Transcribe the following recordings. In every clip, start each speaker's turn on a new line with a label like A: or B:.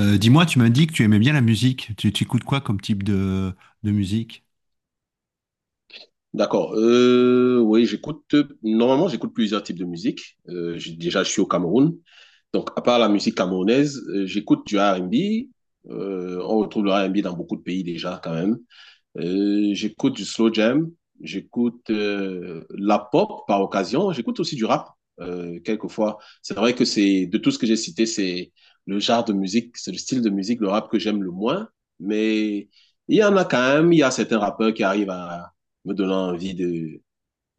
A: Dis-moi, tu m'as dit que tu aimais bien la musique. Tu écoutes quoi comme type de musique?
B: D'accord. Oui, j'écoute. Normalement, j'écoute plusieurs types de musique. Déjà, je suis au Cameroun. Donc, à part la musique camerounaise, j'écoute du R&B. On retrouve le R&B dans beaucoup de pays déjà, quand même. J'écoute du slow jam, j'écoute la pop par occasion, j'écoute aussi du rap quelquefois. C'est vrai que c'est de tout ce que j'ai cité, c'est le genre de musique, c'est le style de musique, le rap que j'aime le moins. Mais il y en a quand même, il y a certains rappeurs qui arrivent à me donner envie de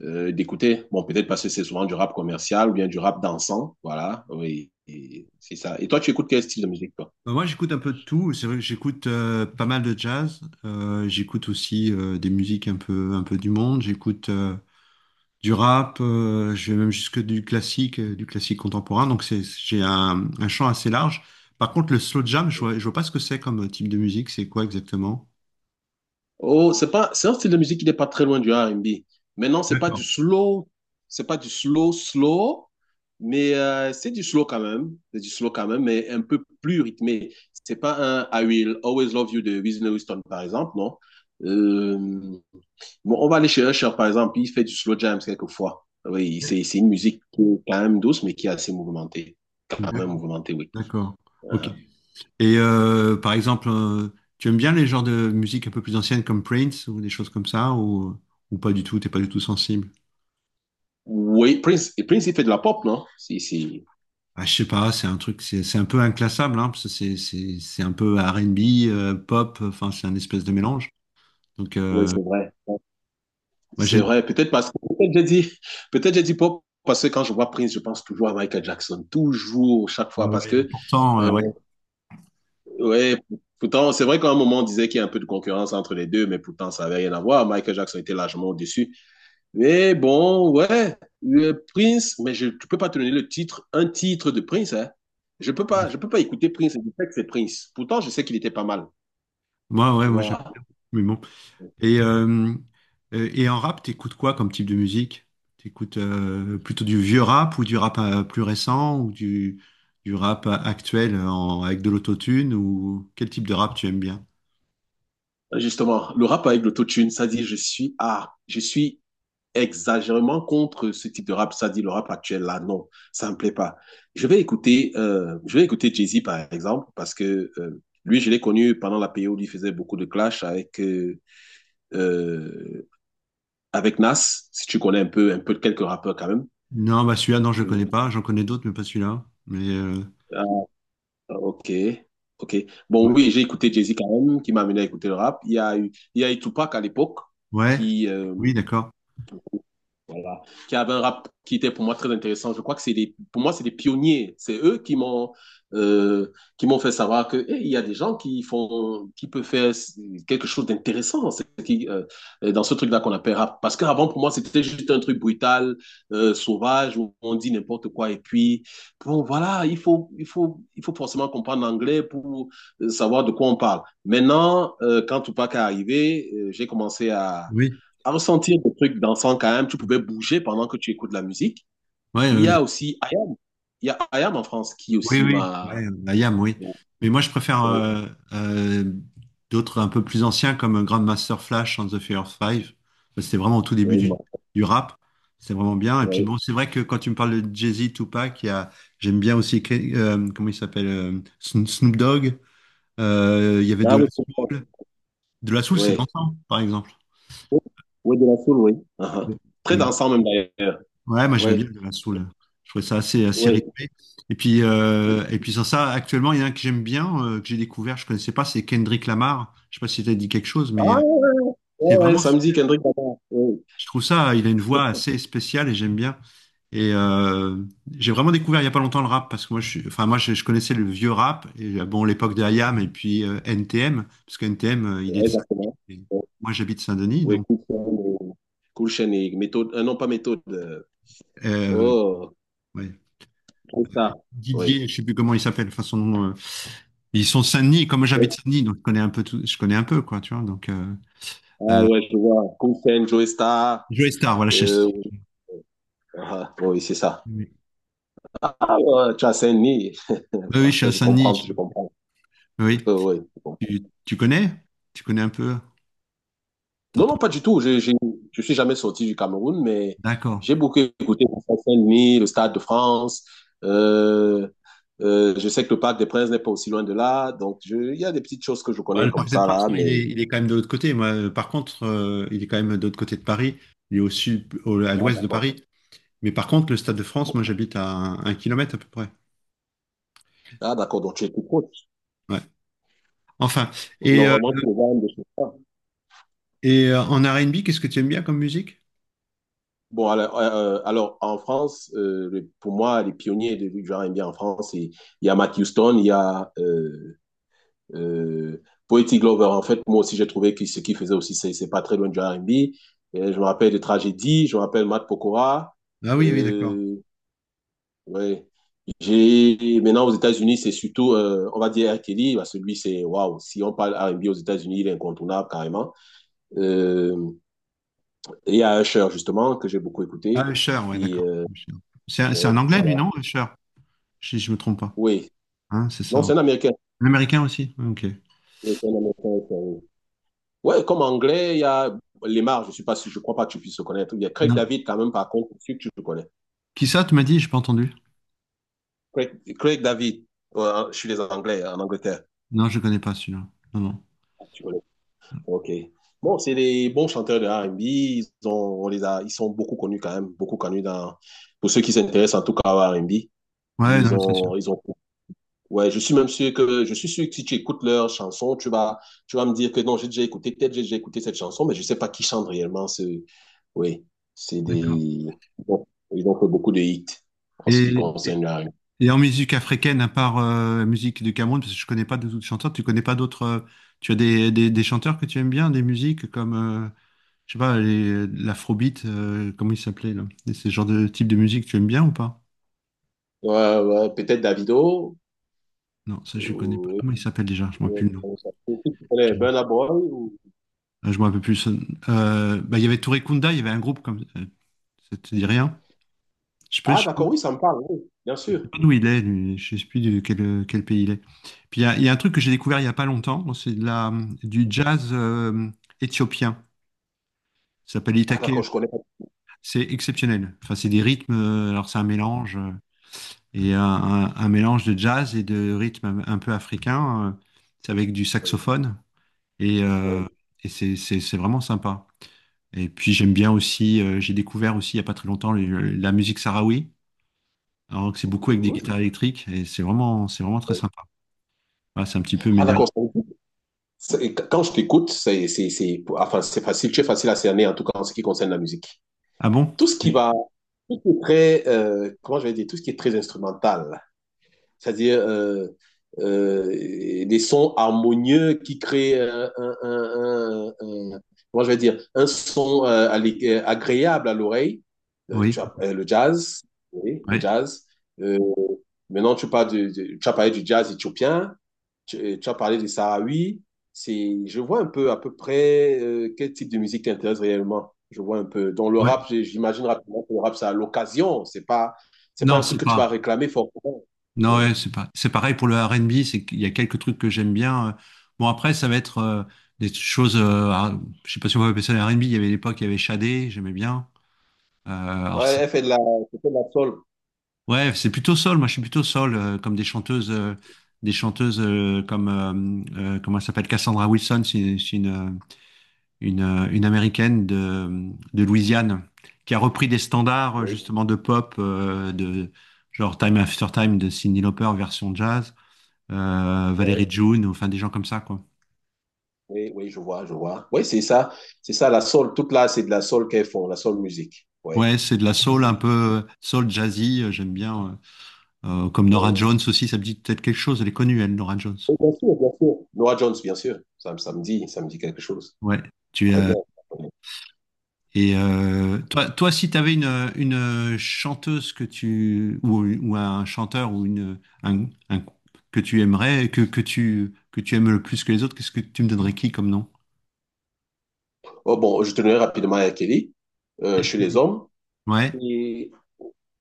B: d'écouter. Bon, peut-être parce que c'est souvent du rap commercial ou bien du rap dansant, voilà. Oui, et c'est ça. Et toi, tu écoutes quel style de musique, toi?
A: Bah, moi, j'écoute un peu de tout. C'est vrai que j'écoute pas mal de jazz. J'écoute aussi des musiques un peu du monde. J'écoute du rap. Je vais même jusque du classique contemporain. Donc, j'ai un champ assez large. Par contre, le slow jam, je vois pas ce que c'est comme type de musique. C'est quoi exactement?
B: Oh, c'est pas, c'est un style de musique qui n'est pas très loin du R&B. Maintenant,
A: D'accord.
B: c'est pas du slow, slow, mais c'est du slow quand même, c'est du slow quand même, mais un peu plus rythmé. C'est pas un I Will Always Love You de Whitney Houston, par exemple, non? Euh, bon, on va aller chez Usher, par exemple, il fait du slow jams quelquefois. Oui, c'est une musique qui est quand même douce, mais qui est assez mouvementée, quand même mouvementée, oui.
A: D'accord. Ok.
B: Aha.
A: Et par exemple, tu aimes bien les genres de musique un peu plus anciennes comme Prince ou des choses comme ça ou pas du tout, t'es pas du tout sensible?
B: Oui, Prince, et Prince, il fait de la pop, non? Si, si.
A: Ah, je sais pas, c'est un truc, c'est un peu inclassable, hein, parce que c'est un peu R&B, pop, enfin c'est un espèce de mélange. Donc
B: Oui, c'est vrai.
A: moi
B: C'est
A: j'aime,
B: vrai. Peut-être parce que peut-être j'ai dit pop parce que quand je vois Prince, je pense toujours à Michael Jackson, toujours, chaque
A: ah
B: fois, parce
A: ouais,
B: que
A: pourtant
B: euh, ouais. Pourtant, c'est vrai qu'à un moment on disait qu'il y a un peu de concurrence entre les deux, mais pourtant ça avait rien à voir. Michael Jackson était largement au-dessus. Mais bon, ouais, le Prince, mais je ne peux pas te donner le titre, un titre de Prince, hein. Je peux pas écouter Prince, je sais que c'est Prince. Pourtant, je sais qu'il était pas mal,
A: ouais,
B: tu
A: moi j'aime bien,
B: vois.
A: mais bon. Et, euh, et en rap, t'écoutes quoi comme type de musique? T'écoutes plutôt du vieux rap ou du rap plus récent ou du rap actuel avec de l'autotune ou quel type de rap tu aimes bien?
B: Justement, le rap avec l'autotune, ça dit, je suis exagérément contre ce type de rap, ça dit le rap actuel, là, non, ça me plaît pas. Je vais écouter Jay-Z, par exemple, parce que lui, je l'ai connu pendant la période où il faisait beaucoup de clash avec euh, avec Nas, si tu connais un peu quelques rappeurs quand même.
A: Non, bah celui-là, non, je le
B: Euh,
A: connais
B: oui.
A: pas. J'en connais d'autres, mais pas celui-là. Mais
B: Ah, ok, ok. Bon,
A: ouais,
B: oui, j'ai écouté Jay-Z quand même, qui m'a amené à écouter le rap. Il y a eu Tupac à l'époque,
A: ouais.
B: qui, euh,
A: Oui, d'accord.
B: voilà. Qui avait un rap qui était pour moi très intéressant. Je crois que pour moi, c'est des pionniers. C'est eux qui qui m'ont fait savoir que, eh, il y a des gens qui font, qui peuvent faire quelque chose d'intéressant. C'est qui, dans ce truc-là qu'on appelle rap. Parce qu'avant, pour moi, c'était juste un truc brutal, sauvage, où on dit n'importe quoi. Et puis, bon, voilà, il faut forcément comprendre l'anglais pour savoir de quoi on parle. Maintenant, quand Tupac est arrivé, j'ai commencé
A: Oui,
B: à ressentir des trucs dansants quand même, tu pouvais bouger pendant que tu écoutes la musique.
A: ouais,
B: Il y
A: bien
B: a aussi IAM. Il y a IAM en France qui
A: Oui,
B: aussi
A: oui, ouais,
B: m'a.
A: la YAM, oui.
B: Oui,
A: Mais moi, je préfère euh, d'autres un peu plus anciens comme Grandmaster Flash and the Furious Five. C'était vraiment au tout début
B: oui.
A: du rap. C'est vraiment bien. Et puis
B: Oui.
A: bon, c'est vrai que quand tu me parles de Jay-Z, Tupac, j'aime bien aussi, comment il s'appelle, Snoop Dogg. Il y avait De
B: Ah
A: La
B: oui, c'est ça.
A: Soul. De La Soul, c'est
B: Oui.
A: dansant, par exemple.
B: Oui, de la soul, oui. Uh-huh. Très
A: De
B: dansant même d'ailleurs.
A: Ouais, moi j'aimais
B: Oui,
A: bien de la soul. Je trouvais ça assez
B: oui.
A: rythmé. Et puis sans ça, actuellement, il y en a un que j'aime bien, que j'ai découvert, je connaissais pas, c'est Kendrick Lamar. Je sais pas si t'as dit quelque chose,
B: Ah,
A: mais
B: ouais, ouais,
A: c'est
B: ouais, ouais,
A: vraiment
B: samedi,
A: super.
B: Kendrick Lamar. Oui,
A: Je trouve ça, il a une voix assez spéciale et j'aime bien. Et j'ai vraiment découvert il y a pas longtemps le rap parce que moi, enfin moi, je connaissais le vieux rap et bon l'époque de IAM et puis NTM parce que NTM, il est
B: ouais,
A: de Saint-Denis.
B: exactement.
A: Et
B: Oui,
A: moi, j'habite Saint-Denis,
B: oui,
A: donc
B: Cool Chain et méthode, non pas méthode.
A: euh,
B: Oh,
A: ouais.
B: Joey Star. Oui.
A: Didier, je ne sais plus comment il s'appelle, enfin son nom. Ils sont de Saint-Denis, comme j'habite
B: Oui.
A: Saint-Denis, donc je connais un peu tout, je connais un peu, quoi, tu vois. Donc,
B: Ah
A: euh,
B: ouais, je vois. Cool Chain, Joey Star.
A: Joey Star, voilà,
B: Oui. Ah, oui, c'est ça.
A: Oui,
B: Ah, ouais, tu as Saint-Denis.
A: oui, je suis à
B: Je comprends, je
A: Saint-Denis.
B: comprends.
A: Oui.
B: Ouais, je comprends.
A: Tu connais? Tu connais un peu?
B: Non, non,
A: T'entends?
B: pas du tout. Je suis jamais sorti du Cameroun, mais
A: D'accord.
B: j'ai beaucoup écouté le Stade Saint-Denis, le Stade de France. Euh, je sais que le Parc des Princes n'est pas aussi loin de là. Donc, il y a des petites choses que je
A: Bah,
B: connais
A: le
B: comme
A: Parc des
B: ça,
A: Princes,
B: là,
A: non, il
B: mais.
A: est, il est quand même de l'autre côté. Moi, par contre, il est quand même de l'autre côté de Paris. Il est au sud, à
B: Ah,
A: l'ouest de
B: d'accord.
A: Paris. Mais par contre, le Stade de France, moi, j'habite à un kilomètre à peu près.
B: Ah, d'accord. Donc, tu es tout proche.
A: Ouais. Enfin, et, euh,
B: Normalement, tu es loin de chez toi.
A: et en R&B, qu'est-ce que tu aimes bien comme musique?
B: Bon, alors, en France, pour moi, les pionniers du genre NBA en France, il y a Matt Houston, il y a euh, Poetic Glover. En fait, moi aussi, j'ai trouvé que ce qu'il faisait aussi, c'est pas très loin du R&B. Et je me rappelle de Tragédie, je me rappelle Matt Pokora.
A: Ah oui, oui, d'accord.
B: Euh, ouais. Maintenant, aux États-Unis, c'est surtout, on va dire R. Kelly, parce que lui, c'est, waouh, si on parle R&B aux États-Unis, il est incontournable carrément. Euh, et il y a Usher, justement, que j'ai beaucoup
A: Ah,
B: écouté.
A: Usher, ouais,
B: Et,
A: d'accord. Usher. C'est un, c'est
B: ouais,
A: un anglais, lui, non?
B: voilà.
A: Usher, si je me trompe pas.
B: Oui.
A: Hein, c'est
B: Non,
A: ça, ouais.
B: c'est un Américain.
A: Un Américain aussi? Ouais, ok.
B: Oui, c'est un Américain, oui, oui. Ouais, comme anglais, il y a Lemar, je ne suis pas sûr, je crois pas que tu puisses le connaître. Il y a Craig
A: Non.
B: David quand même, par contre, je suis sûr que tu le connais.
A: Qui ça, tu m'as dit? J'ai pas entendu.
B: Craig David, je suis les Anglais, en Angleterre.
A: Non, je connais pas celui-là. Non, non.
B: Tu connais. Ok. Bon, c'est des bons chanteurs de R&B. On les a, ils sont beaucoup connus quand même, beaucoup connus dans, pour ceux qui s'intéressent en tout cas à R&B.
A: Ouais,
B: Ils
A: non, c'est sûr.
B: ont, ils ont Ouais, je suis même sûr que si tu écoutes leur chanson, tu vas me dire que non, j'ai déjà écouté, peut-être j'ai déjà écouté cette chanson, mais je sais pas qui chante réellement ce. Oui, c'est
A: D'accord.
B: des. Bon, ils ont fait beaucoup de hits en ce qui
A: Et, et,
B: concerne la rue.
A: et en musique africaine, à part la musique du Cameroun, parce que je connais pas d'autres chanteurs, tu connais pas d'autres. Tu as des chanteurs que tu aimes bien, des musiques comme. Je sais pas, l'afrobeat, comment il s'appelait là? Et c'est le genre de type de musique tu aimes bien ou pas?
B: Ouais, ouais, peut-être Davido.
A: Non, ça je connais pas. Comment
B: ou-
A: il s'appelle déjà? Je m'en rappelle plus le nom.
B: Tu connais Burna Boy
A: Ah, je m'en rappelle plus. Bah, il y avait Touré Kunda, il y avait un groupe comme ça. Te dit rien? Je peux,
B: Ah,
A: je,
B: d'accord, oui, ça me parle, oui, bien
A: je sais
B: sûr.
A: pas d'où il est, lui. Je sais plus de quel pays il est. Puis il y a un truc que j'ai découvert il y a pas longtemps. Bon, c'est du jazz éthiopien. Ça s'appelle
B: Ah,
A: Itaké.
B: d'accord, je connais pas.
A: C'est exceptionnel. Enfin, c'est des rythmes. Alors c'est un mélange. Et un mélange de jazz et de rythme un peu africain. C'est avec du
B: Oui.
A: saxophone et, euh,
B: Oui.
A: et c'est vraiment sympa. Et puis j'aime bien aussi, j'ai découvert aussi il n'y a pas très longtemps la musique sahraoui, alors que c'est beaucoup avec des
B: Mhm.
A: guitares électriques et c'est vraiment très sympa. Voilà, c'est un petit peu mes
B: Ah,
A: derniers.
B: d'accord. Quand je t'écoute, enfin, c'est facile, tu es facile à cerner en tout cas en ce qui concerne la musique.
A: Ah bon?
B: Tout ce qui va, tout ce qui est très, comment je vais dire, tout ce qui est très instrumental, c'est-à-dire euh, des sons harmonieux qui créent comment je vais dire, un son agréable à l'oreille.
A: Oui.
B: Le jazz, oui, le
A: Ouais.
B: jazz. Euh, maintenant, tu parles tu as parlé du jazz éthiopien. Tu as parlé de Sahraoui. C'est, je vois un peu à peu près quel type de musique t'intéresse réellement. Je vois un peu. Dans le
A: Ouais.
B: rap, j'imagine rapidement que le rap, c'est à l'occasion. C'est pas
A: Non,
B: un truc
A: c'est
B: que tu
A: pas.
B: vas réclamer forcément.
A: Non, ouais,
B: Oui.
A: c'est pas, c'est pareil pour le R&B, c'est qu'il y a quelques trucs que j'aime bien. Bon, après, ça va être des choses, ah, je sais pas si on va appeler ça le R&B, il y avait l'époque, il y avait Shadé, j'aimais bien. Alors
B: Ouais, elle fait de la soul.
A: ouais, c'est plutôt soul, moi je suis plutôt soul, comme des chanteuses, comme, comment elle s'appelle, Cassandra Wilson, c'est une Américaine de Louisiane, qui a repris des standards
B: Oui,
A: justement de pop, de genre Time After Time de Cyndi Lauper version jazz.
B: oui,
A: Valérie June, enfin des gens comme ça, quoi.
B: oui, oui, je vois, je vois. Oui, c'est ça. C'est ça, la soul. Toute là, c'est de la soul qu'elles font, la soul musique. Oui.
A: Ouais, c'est de la soul
B: C'est.
A: un peu soul jazzy, j'aime bien. Comme Nora
B: Oui,
A: Jones aussi, ça me dit peut-être quelque chose. Elle est connue, elle, Nora Jones.
B: oui, bien sûr, bien sûr. Nora Jones, bien sûr. Ça me dit, quelque chose.
A: Ouais. Tu
B: Très bien.
A: et toi, si t'avais une chanteuse que ou un chanteur ou une un- que tu aimerais que tu aimes le plus que les autres, qu'est-ce que tu me donnerais qui comme nom?
B: Oh, bon, je tenais rapidement à R. Kelly, chez les hommes.
A: Ouais.
B: Et,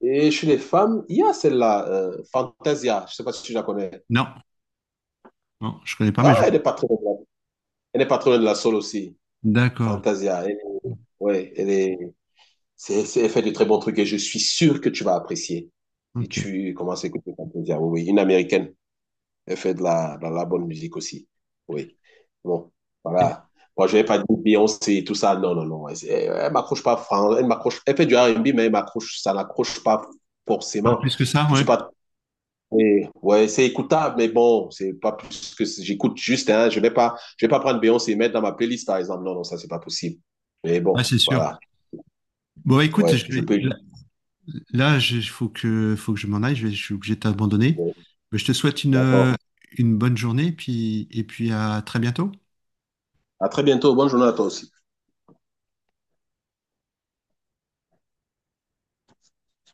B: et chez les femmes, il y a celle-là, Fantasia. Je sais pas si tu la connais.
A: Non, non, je connais pas, mais je
B: Ah,
A: vais.
B: elle n'est pas très loin. Elle n'est pas très loin de la Soul aussi.
A: D'accord.
B: Fantasia. Elle, ouais, elle est, elle fait de très bons trucs et je suis sûr que tu vas apprécier si
A: Ok.
B: tu commences à écouter Fantasia. Oui, oui, une américaine. Elle fait de la bonne musique aussi. Oui. Bon,
A: Et
B: voilà. Moi, je vais pas dire Beyoncé, tout ça. Non, non, non. Elle, elle m'accroche pas. Elle m'accroche. Elle fait du R&B, mais elle m'accroche. Ça n'accroche pas
A: Pas
B: forcément.
A: plus que ça,
B: Je
A: ouais.
B: suis pas. Ouais, c'est écoutable, mais bon, c'est pas plus que j'écoute juste. Hein, je vais pas. Je vais pas prendre Beyoncé et mettre dans ma playlist, par exemple. Non, non, ça c'est pas possible. Mais
A: Ouais,
B: bon,
A: c'est sûr.
B: voilà.
A: Bon, écoute,
B: Ouais,
A: je
B: je
A: vais.
B: peux.
A: Là, il faut que je m'en aille, je suis obligé de t'abandonner.
B: Bon,
A: Mais je te souhaite une,
B: d'accord.
A: euh, une bonne journée et puis à très bientôt.
B: À très bientôt. Bonne journée à toi aussi.